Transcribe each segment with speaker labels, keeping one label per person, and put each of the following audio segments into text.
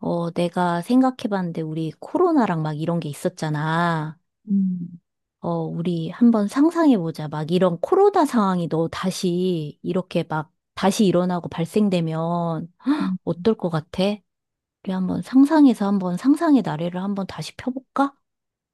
Speaker 1: 내가 생각해봤는데 우리 코로나랑 막 이런 게 있었잖아.
Speaker 2: 음,
Speaker 1: 우리 한번 상상해보자. 막 이런 코로나 상황이 너 다시 이렇게 막 다시 일어나고 발생되면
Speaker 2: 음.
Speaker 1: 어떨 것 같아? 우리 한번 상상해서 한번 상상의 나래를 한번 다시 펴볼까?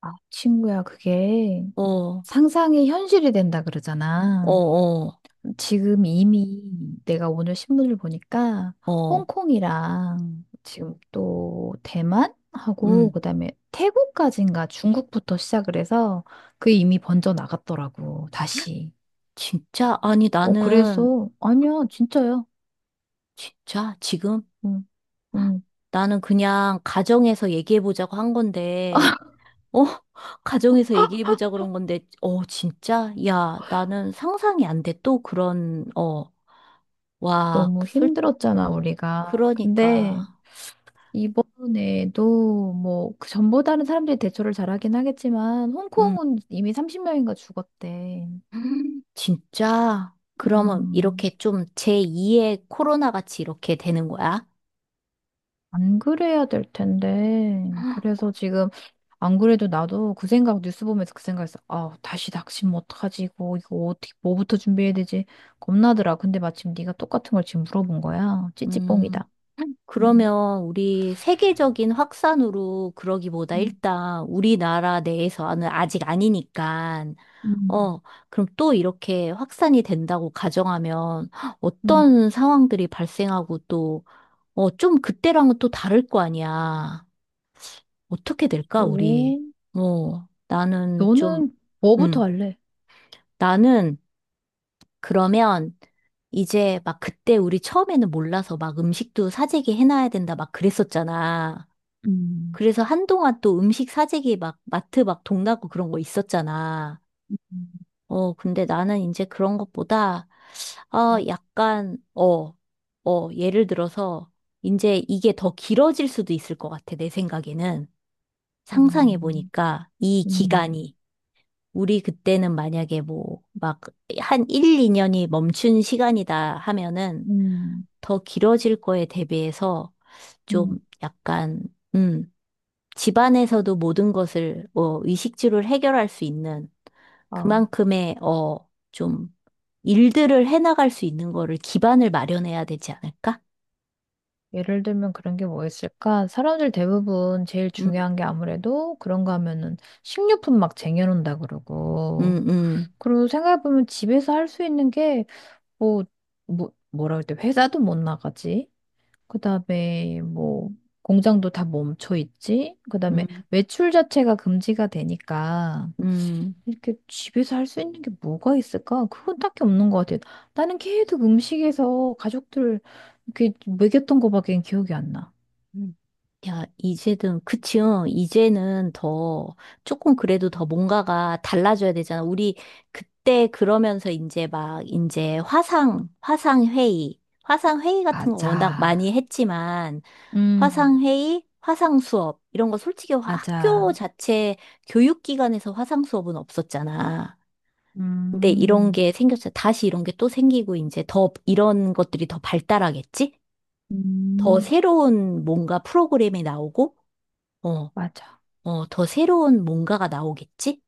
Speaker 2: 아, 친구야, 그게
Speaker 1: 어. 어.
Speaker 2: 상상이 현실이 된다 그러잖아.
Speaker 1: 어.
Speaker 2: 지금 이미 내가 오늘 신문을 보니까
Speaker 1: 어.
Speaker 2: 홍콩이랑 지금 또 대만하고
Speaker 1: 음.
Speaker 2: 그다음에 태국까지인가 중국부터 시작을 해서 그게 이미 번져 나갔더라고, 다시.
Speaker 1: 진짜? 아니,
Speaker 2: 어,
Speaker 1: 나는,
Speaker 2: 그래서 아니야, 진짜요.
Speaker 1: 진짜? 지금?
Speaker 2: 응 응
Speaker 1: 나는 그냥 가정에서 얘기해보자고 한 건데, 어. 가정에서 얘기해보자 그런 건데, 진짜? 야, 나는 상상이 안 돼. 또 그런, 어. 와,
Speaker 2: 너무
Speaker 1: 솔.
Speaker 2: 힘들었잖아, 우리가.
Speaker 1: 그러니까.
Speaker 2: 근데 이번에도 뭐 그 전보다는 사람들이 대처를 잘하긴 하겠지만
Speaker 1: 음.
Speaker 2: 홍콩은 이미 30명인가 죽었대.
Speaker 1: 진짜? 그러면
Speaker 2: 음,
Speaker 1: 이렇게 좀 제2의 코로나 같이 이렇게 되는 거야?
Speaker 2: 안 그래야 될 텐데. 그래서 지금 안 그래도 나도 그 생각 뉴스 보면서 그 생각했어. 아, 다시 닥치면 어떡하지? 이거 어떻게 뭐부터 준비해야 되지? 겁나더라. 근데 마침 네가 똑같은 걸 지금 물어본 거야.
Speaker 1: 음.
Speaker 2: 찌찌뽕이다. 음.
Speaker 1: 그러면 우리 세계적인 확산으로 그러기보다
Speaker 2: 음,
Speaker 1: 일단 우리나라 내에서는 아직 아니니까
Speaker 2: 음,
Speaker 1: 어, 그럼 또 이렇게 확산이 된다고 가정하면
Speaker 2: 음,
Speaker 1: 어떤 상황들이 발생하고 또, 좀 그때랑은 또 다를 거 아니야. 어떻게 될까,
Speaker 2: 오.
Speaker 1: 우리? 나는 좀,
Speaker 2: 너는 뭐부터
Speaker 1: 음,
Speaker 2: 할래?
Speaker 1: 나는 그러면 이제 막 그때 우리 처음에는 몰라서 막 음식도 사재기 해놔야 된다 막 그랬었잖아.
Speaker 2: 음,
Speaker 1: 그래서 한동안 또 음식 사재기 막 마트 막 동나고 그런 거 있었잖아.
Speaker 2: 음.
Speaker 1: 근데 나는 이제 그런 것보다 아,
Speaker 2: 음.
Speaker 1: 약간, 예를 들어서, 이제 이게 더 길어질 수도 있을 것 같아, 내 생각에는.
Speaker 2: 아.
Speaker 1: 상상해 보니까, 이
Speaker 2: 음,
Speaker 1: 기간이, 우리 그때는 만약에 뭐, 막, 한 1, 2년이 멈춘 시간이다 하면은,
Speaker 2: 음,
Speaker 1: 더 길어질 거에 대비해서, 좀
Speaker 2: 음.
Speaker 1: 약간, 음, 집안에서도 모든 것을 의식주를 해결할 수 있는
Speaker 2: 아,
Speaker 1: 그만큼의 어, 좀 일들을 해나갈 수 있는 거를 기반을 마련해야 되지 않을까?
Speaker 2: 예를 들면 그런 게 뭐 있을까? 사람들 대부분 제일
Speaker 1: 음.
Speaker 2: 중요한 게 아무래도 그런 거 하면은 식료품 막 쟁여놓는다 그러고.
Speaker 1: 음. 음.
Speaker 2: 그리고 생각해보면 집에서 할 수 있는 게 뭐, 뭐라 그럴 때 회사도 못 나가지. 그다음에 뭐, 공장도 다 멈춰 있지. 그다음에
Speaker 1: 음.
Speaker 2: 외출 자체가 금지가 되니까.
Speaker 1: 음.
Speaker 2: 이렇게 집에서 할 수 있는 게 뭐가 있을까? 그건 딱히 없는 것 같아요. 나는 계속 음식에서 가족들 이렇게 먹였던 거밖에 기억이 안 나.
Speaker 1: 음. 야, 이제는, 그치요. 이제는 더, 조금 그래도 더 뭔가가 달라져야 되잖아. 우리 그때 그러면서 이제 막, 이제 화상, 화상회의, 화상회의 같은 거 워낙
Speaker 2: 맞아.
Speaker 1: 많이 했지만,
Speaker 2: 음,
Speaker 1: 화상회의, 화상수업, 이런 거 솔직히 학교
Speaker 2: 맞아.
Speaker 1: 자체 교육기관에서 화상수업은 없었잖아. 근데 이런
Speaker 2: 음,
Speaker 1: 게 생겼어. 다시 이런 게 또 생기고, 이제 더, 이런 것들이 더 발달하겠지? 더
Speaker 2: 음,
Speaker 1: 새로운 뭔가 프로그램이 나오고, 어,
Speaker 2: 맞아.
Speaker 1: 더 새로운 뭔가가 나오겠지?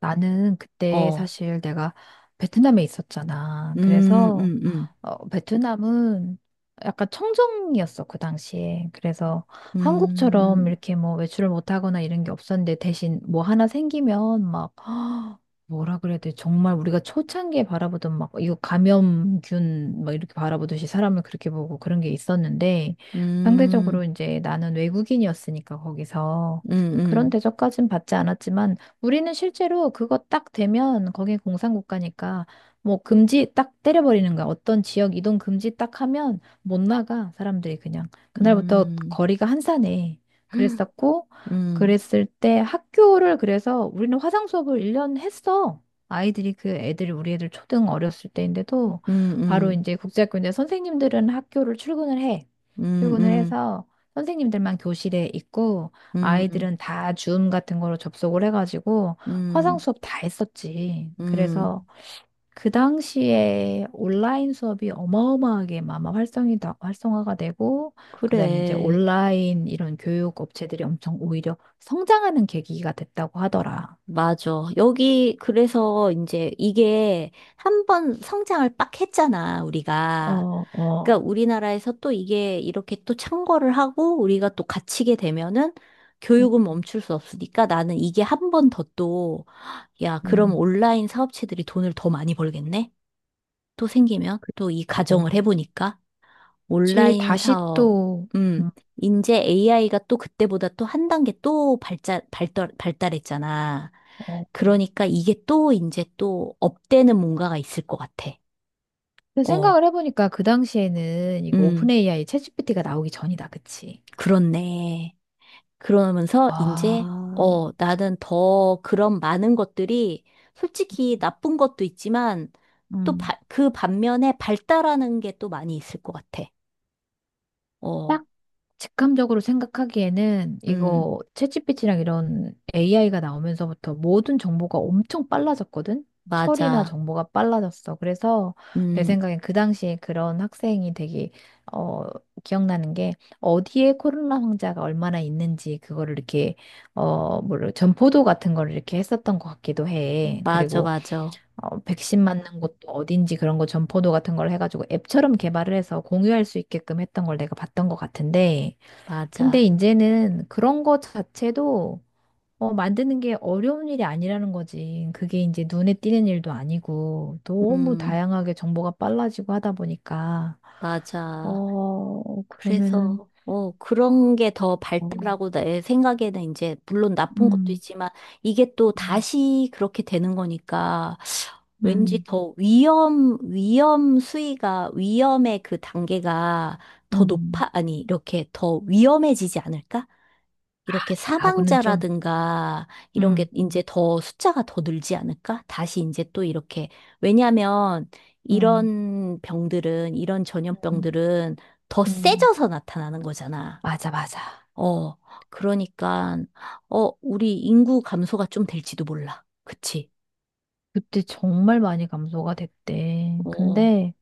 Speaker 2: 나는 그때
Speaker 1: 어.
Speaker 2: 사실 내가 베트남에 있었잖아.
Speaker 1: 음.
Speaker 2: 그래서
Speaker 1: 음. 음.
Speaker 2: 베트남은 약간 청정이었어, 그 당시에. 그래서 한국처럼
Speaker 1: 음.
Speaker 2: 이렇게 뭐 외출을 못하거나 이런 게 없었는데 대신 뭐 하나 생기면 막 뭐라 그래야 돼. 정말 우리가 초창기에 바라보던 막 이거 감염균 막 이렇게 바라보듯이 사람을 그렇게 보고 그런 게 있었는데
Speaker 1: 음.
Speaker 2: 상대적으로 이제 나는 외국인이었으니까 거기서 그런
Speaker 1: 음.
Speaker 2: 대접까진 받지 않았지만 우리는 실제로 그거 딱 되면 거기 공산국가니까 뭐 금지 딱 때려버리는 거야. 어떤 지역 이동 금지 딱 하면 못 나가 사람들이 그냥. 그날부터
Speaker 1: 음.
Speaker 2: 거리가 한산해.
Speaker 1: 음.
Speaker 2: 그랬었고
Speaker 1: 음.
Speaker 2: 그랬을 때 학교를 그래서 우리는 화상 수업을 1년 했어. 아이들이 그 애들이 우리 애들 초등 어렸을 때인데도
Speaker 1: 음. 음.
Speaker 2: 바로
Speaker 1: 음.
Speaker 2: 이제 국제학교인데 선생님들은 학교를 출근을 해.
Speaker 1: 음.
Speaker 2: 출근을
Speaker 1: 음.
Speaker 2: 해서 선생님들만 교실에 있고
Speaker 1: 음.
Speaker 2: 아이들은 다 줌 같은 거로 접속을 해가지고 화상
Speaker 1: 음.
Speaker 2: 수업 다 했었지. 그래서
Speaker 1: 음.
Speaker 2: 그 당시에 온라인 수업이 어마어마하게 아마 활성이 다, 활성화가 되고, 그다음에 이제
Speaker 1: 그래.
Speaker 2: 온라인 이런 교육 업체들이 엄청 오히려 성장하는 계기가 됐다고 하더라.
Speaker 1: 맞아. 여기, 그래서 이제 이게 한 번 성장을 빡 했잖아,
Speaker 2: 어,
Speaker 1: 우리가.
Speaker 2: 어.
Speaker 1: 그러니까 우리나라에서 또 이게 이렇게 또 창궐을 하고 우리가 또 갇히게 되면은
Speaker 2: 음,
Speaker 1: 교육은 멈출 수 없으니까 나는 이게 한 번 더 또, 야, 그럼
Speaker 2: 음.
Speaker 1: 온라인 사업체들이 돈을 더 많이 벌겠네? 또 생기면? 또 이
Speaker 2: 어,
Speaker 1: 가정을 해보니까?
Speaker 2: 그치.
Speaker 1: 온라인
Speaker 2: 다시
Speaker 1: 사업.
Speaker 2: 또, 음,
Speaker 1: 음, 이제 AI가 또 그때보다 또 한 단계 또 발달, 발달, 발달했잖아.
Speaker 2: 어.
Speaker 1: 그러니까 이게 또 이제 또 업되는 뭔가가 있을 것 같아.
Speaker 2: 근데
Speaker 1: 어.
Speaker 2: 생각을 해보니까 그 당시에는 이거 오픈
Speaker 1: 음.
Speaker 2: AI 챗GPT가 나오기 전이다, 그치?
Speaker 1: 그렇네. 그러면서 이제,
Speaker 2: 아.
Speaker 1: 나는 더 그런 많은 것들이 솔직히 나쁜 것도 있지만 또
Speaker 2: 음,
Speaker 1: 그 반면에 발달하는 게 또 많이 있을 것 같아. 어.
Speaker 2: 딱 직감적으로 생각하기에는
Speaker 1: 음.
Speaker 2: 이거 챗GPT랑 이런 AI가 나오면서부터 모든 정보가 엄청 빨라졌거든? 처리나
Speaker 1: 맞아.
Speaker 2: 정보가 빨라졌어. 그래서 내
Speaker 1: 음,
Speaker 2: 생각엔 그 당시에 그런 학생이 되게, 어, 기억나는 게 어디에 코로나 환자가 얼마나 있는지 그거를 이렇게, 전포도 같은 걸 이렇게 했었던 것 같기도 해.
Speaker 1: 맞아,
Speaker 2: 그리고
Speaker 1: 맞아.
Speaker 2: 백신 맞는 곳도 어딘지 그런 거 점포도 같은 걸 해가지고 앱처럼 개발을 해서 공유할 수 있게끔 했던 걸 내가 봤던 것 같은데, 근데
Speaker 1: 맞아.
Speaker 2: 이제는 그런 거 자체도 만드는 게 어려운 일이 아니라는 거지. 그게 이제 눈에 띄는 일도 아니고 너무
Speaker 1: 음,
Speaker 2: 다양하게 정보가 빨라지고 하다 보니까
Speaker 1: 맞아.
Speaker 2: 그러면은
Speaker 1: 그래서, 그런 게 더
Speaker 2: 어,
Speaker 1: 발달하고 내 생각에는 이제, 물론 나쁜 것도
Speaker 2: 음,
Speaker 1: 있지만, 이게 또
Speaker 2: 음,
Speaker 1: 다시 그렇게 되는 거니까, 왠지
Speaker 2: 음,
Speaker 1: 더 위험, 위험 수위가, 위험의 그 단계가 더
Speaker 2: 음.
Speaker 1: 높아, 아니, 이렇게 더 위험해지지 않을까? 이렇게
Speaker 2: 하고는 좀,
Speaker 1: 사망자라든가 이런 게
Speaker 2: 음,
Speaker 1: 이제 더 숫자가 더 늘지 않을까? 다시 이제 또 이렇게. 왜냐하면
Speaker 2: 음,
Speaker 1: 이런 병들은, 이런
Speaker 2: 음,
Speaker 1: 전염병들은 더
Speaker 2: 음.
Speaker 1: 세져서 나타나는 거잖아.
Speaker 2: 맞아, 맞아.
Speaker 1: 어, 그러니까, 우리 인구 감소가 좀 될지도 몰라. 그치?
Speaker 2: 그때 정말 많이 감소가 됐대.
Speaker 1: 어,
Speaker 2: 근데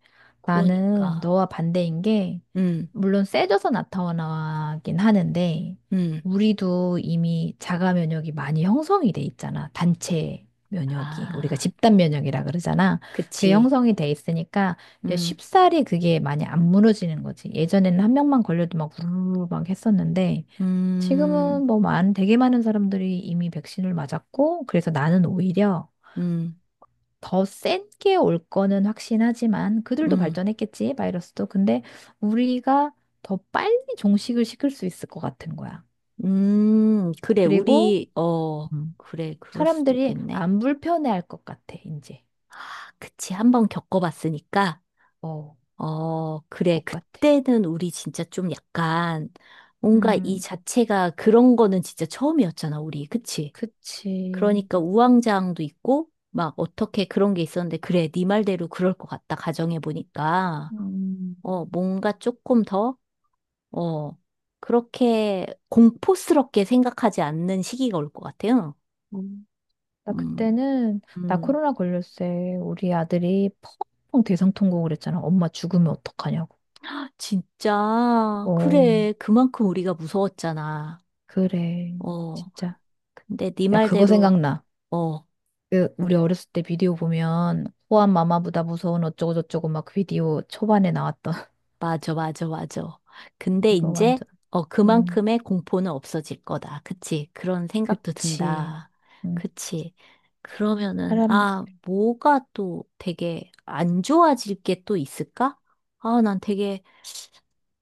Speaker 2: 나는
Speaker 1: 그러니까.
Speaker 2: 너와 반대인 게,
Speaker 1: 음.
Speaker 2: 물론 세져서 나타나긴 하는데,
Speaker 1: 음.
Speaker 2: 우리도 이미 자가 면역이 많이 형성이 돼 있잖아. 단체 면역이. 우리가
Speaker 1: 아,
Speaker 2: 집단 면역이라 그러잖아. 그게
Speaker 1: 그치.
Speaker 2: 형성이 돼 있으니까 이제
Speaker 1: 음.
Speaker 2: 쉽사리 그게 많이 안 무너지는 거지. 예전에는 한 명만 걸려도 막 우르르 막 했었는데,
Speaker 1: 음.
Speaker 2: 지금은 뭐 많은, 되게 많은 사람들이 이미 백신을 맞았고, 그래서 나는 오히려
Speaker 1: 음.
Speaker 2: 더 센 게 올 거는 확신하지만 그들도
Speaker 1: 음.
Speaker 2: 발전했겠지, 바이러스도. 근데 우리가 더 빨리 종식을 시킬 수 있을 것 같은 거야.
Speaker 1: 그래,
Speaker 2: 그리고
Speaker 1: 우리, 어.
Speaker 2: 음.
Speaker 1: 그래, 그럴 수도
Speaker 2: 사람들이
Speaker 1: 있겠네.
Speaker 2: 안 불편해할 것 같아, 이제.
Speaker 1: 아, 그치, 한번 겪어봤으니까,
Speaker 2: 어,
Speaker 1: 그래,
Speaker 2: 것 같아.
Speaker 1: 그때는 우리 진짜 좀 약간, 뭔가 이
Speaker 2: 음,
Speaker 1: 자체가 그런 거는 진짜 처음이었잖아, 우리. 그치?
Speaker 2: 그치.
Speaker 1: 그러니까 우왕좌왕도 있고, 막 어떻게 그런 게 있었는데, 그래, 네 말대로 그럴 것 같다, 가정해보니까.
Speaker 2: 음.
Speaker 1: 뭔가 조금 더, 어, 그렇게 공포스럽게 생각하지 않는 시기가 올 것 같아요.
Speaker 2: 음. 나
Speaker 1: 음.
Speaker 2: 그때는 나
Speaker 1: 음.
Speaker 2: 코로나 걸렸을 때 우리 아들이 펑펑 대성통곡을 했잖아. 엄마 죽으면 어떡하냐고.
Speaker 1: 진짜,
Speaker 2: 어,
Speaker 1: 그래. 그만큼 우리가 무서웠잖아.
Speaker 2: 그래.
Speaker 1: 어,
Speaker 2: 진짜.
Speaker 1: 근데 네
Speaker 2: 야, 그거
Speaker 1: 말대로,
Speaker 2: 생각나.
Speaker 1: 어,
Speaker 2: 그 우리 어렸을 때 비디오 보면 호환 마마보다 무서운 어쩌고저쩌고 막 비디오 초반에 나왔던
Speaker 1: 맞아, 맞아, 맞아. 근데
Speaker 2: 이거
Speaker 1: 이제,
Speaker 2: 완전 음
Speaker 1: 그만큼의 공포는 없어질 거다. 그치? 그런 생각도
Speaker 2: 그치
Speaker 1: 든다.
Speaker 2: 음
Speaker 1: 그치? 그러면은,
Speaker 2: 사람
Speaker 1: 아, 뭐가 또 되게 안 좋아질 게 또 있을까? 아, 난 되게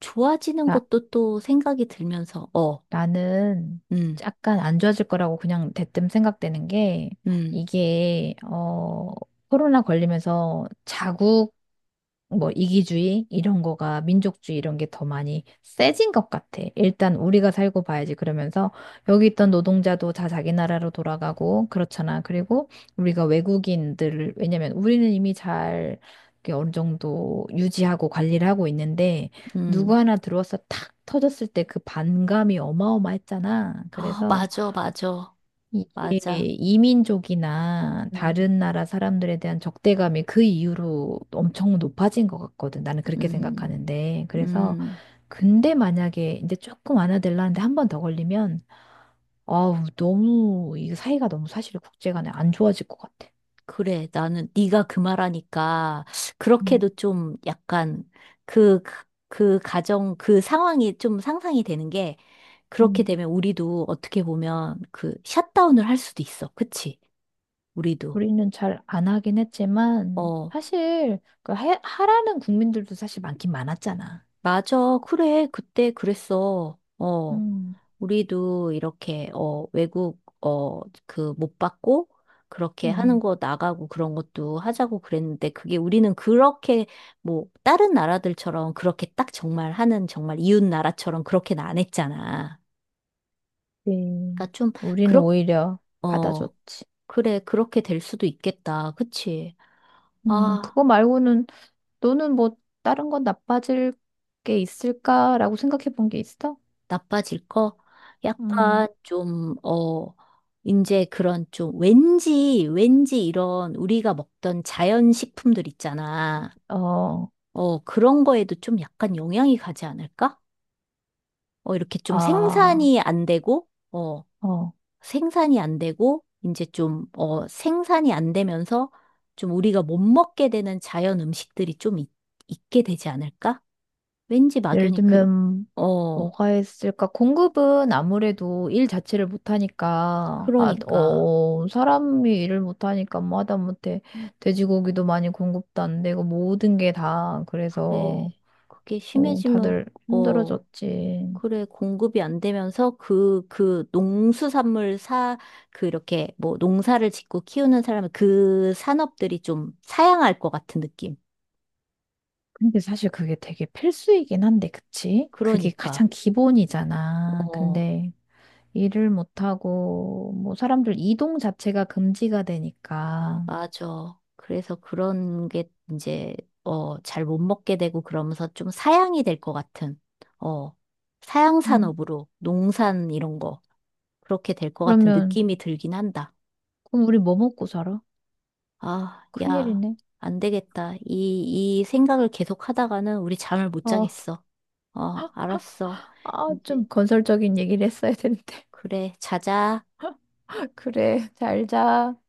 Speaker 1: 좋아지는
Speaker 2: 다
Speaker 1: 것도 또 생각이 들면서, 어.
Speaker 2: 나는
Speaker 1: 음.
Speaker 2: 약간 안 좋아질 거라고 그냥 대뜸 생각되는 게
Speaker 1: 음.
Speaker 2: 이게 코로나 걸리면서 자국 뭐 이기주의 이런 거가 민족주의 이런 게 더 많이 세진 것 같아. 일단 우리가 살고 봐야지 그러면서 여기 있던 노동자도 다 자기 나라로 돌아가고 그렇잖아. 그리고 우리가 외국인들을 왜냐면 우리는 이미 잘 이렇게 어느 정도 유지하고 관리를 하고 있는데
Speaker 1: 음.
Speaker 2: 누구 하나 들어와서 탁 터졌을 때 그 반감이 어마어마했잖아.
Speaker 1: 아,
Speaker 2: 그래서
Speaker 1: 맞아, 맞아.
Speaker 2: 이게
Speaker 1: 맞아.
Speaker 2: 이민족이나
Speaker 1: 음.
Speaker 2: 다른 나라 사람들에 대한 적대감이 그 이후로 엄청 높아진 것 같거든. 나는 그렇게
Speaker 1: 음.
Speaker 2: 생각하는데. 그래서
Speaker 1: 음.
Speaker 2: 근데 만약에 이제 조금 완화되려는데 한 번 더 걸리면 아우 너무 이 사이가 너무 사실 국제간에 안 좋아질 것 같아.
Speaker 1: 그래. 나는 네가 그 말하니까
Speaker 2: 음.
Speaker 1: 그렇게도 좀 약간 그, 그, 그 가정, 그 상황이 좀 상상이 되는 게 그렇게
Speaker 2: 음.
Speaker 1: 되면 우리도 어떻게 보면 그 샷다운을 할 수도 있어. 그치? 우리도.
Speaker 2: 우리는 잘 안 하긴 했지만
Speaker 1: 어,
Speaker 2: 사실 그 하라는 국민들도 사실 많긴 많았잖아.
Speaker 1: 맞아. 그래. 그때 그랬어. 어.
Speaker 2: 음,
Speaker 1: 우리도 이렇게 어 외국 어 그 못 받고 그렇게 하는
Speaker 2: 음,
Speaker 1: 거 나가고 그런 것도 하자고 그랬는데 그게 우리는 그렇게 뭐 다른 나라들처럼 그렇게 딱 정말 하는 정말 이웃 나라처럼 그렇게는 안 했잖아.
Speaker 2: 네.
Speaker 1: 그러니까 좀
Speaker 2: 우리는
Speaker 1: 그렇
Speaker 2: 오히려
Speaker 1: 어
Speaker 2: 받아줬지.
Speaker 1: 그래 그렇게 될 수도 있겠다. 그치? 아.
Speaker 2: 그거 말고는 너는 뭐 다른 건 나빠질 게 있을까라고 생각해 본 게 있어?
Speaker 1: 나빠질 거?
Speaker 2: 음,
Speaker 1: 약간 좀, 어, 이제 그런 좀 왠지 이런 우리가 먹던 자연식품들 있잖아.
Speaker 2: 어,
Speaker 1: 그런 거에도 좀 약간 영향이 가지 않을까? 이렇게 좀
Speaker 2: 아,
Speaker 1: 생산이 안 되고, 어,
Speaker 2: 어.
Speaker 1: 생산이 안 되고, 이제 좀, 생산이 안 되면서 좀 우리가 못 먹게 되는 자연 음식들이 좀 있게 되지 않을까? 왠지
Speaker 2: 예를
Speaker 1: 막연히 그런,
Speaker 2: 들면
Speaker 1: 어,
Speaker 2: 뭐가 있을까? 공급은 아무래도 일 자체를 못하니까,
Speaker 1: 그러니까.
Speaker 2: 사람이 일을 못하니까 뭐 하다못해 돼지고기도 많이 공급도 안 되고 모든 게 다
Speaker 1: 그래.
Speaker 2: 그래서
Speaker 1: 그게 심해지면,
Speaker 2: 다들
Speaker 1: 어,
Speaker 2: 힘들어졌지.
Speaker 1: 그래. 공급이 안 되면서 그 농수산물 사, 그 이렇게 뭐 농사를 짓고 키우는 사람은 그 산업들이 좀 사양할 것 같은 느낌.
Speaker 2: 근데 사실 그게 되게 필수이긴 한데, 그치? 그게
Speaker 1: 그러니까,
Speaker 2: 가장 기본이잖아.
Speaker 1: 어,
Speaker 2: 근데 일을 못하고, 뭐, 사람들 이동 자체가 금지가 되니까.
Speaker 1: 맞아. 그래서 그런 게 이제, 잘 못 먹게 되고 그러면서 좀 사양이 될 것 같은, 어, 사양
Speaker 2: 음,
Speaker 1: 산업으로 농산 이런 거, 그렇게 될 것 같은
Speaker 2: 그러면,
Speaker 1: 느낌이 들긴 한다.
Speaker 2: 그럼 우리 뭐 먹고 살아?
Speaker 1: 아, 야,
Speaker 2: 큰일이네.
Speaker 1: 안 되겠다. 이 생각을 계속 하다가는 우리 잠을 못
Speaker 2: 어,
Speaker 1: 자겠어. 알았어. 이제,
Speaker 2: 좀 건설적인 얘기를 했어야 되는데.
Speaker 1: 그래, 자자.
Speaker 2: 그래, 잘 자.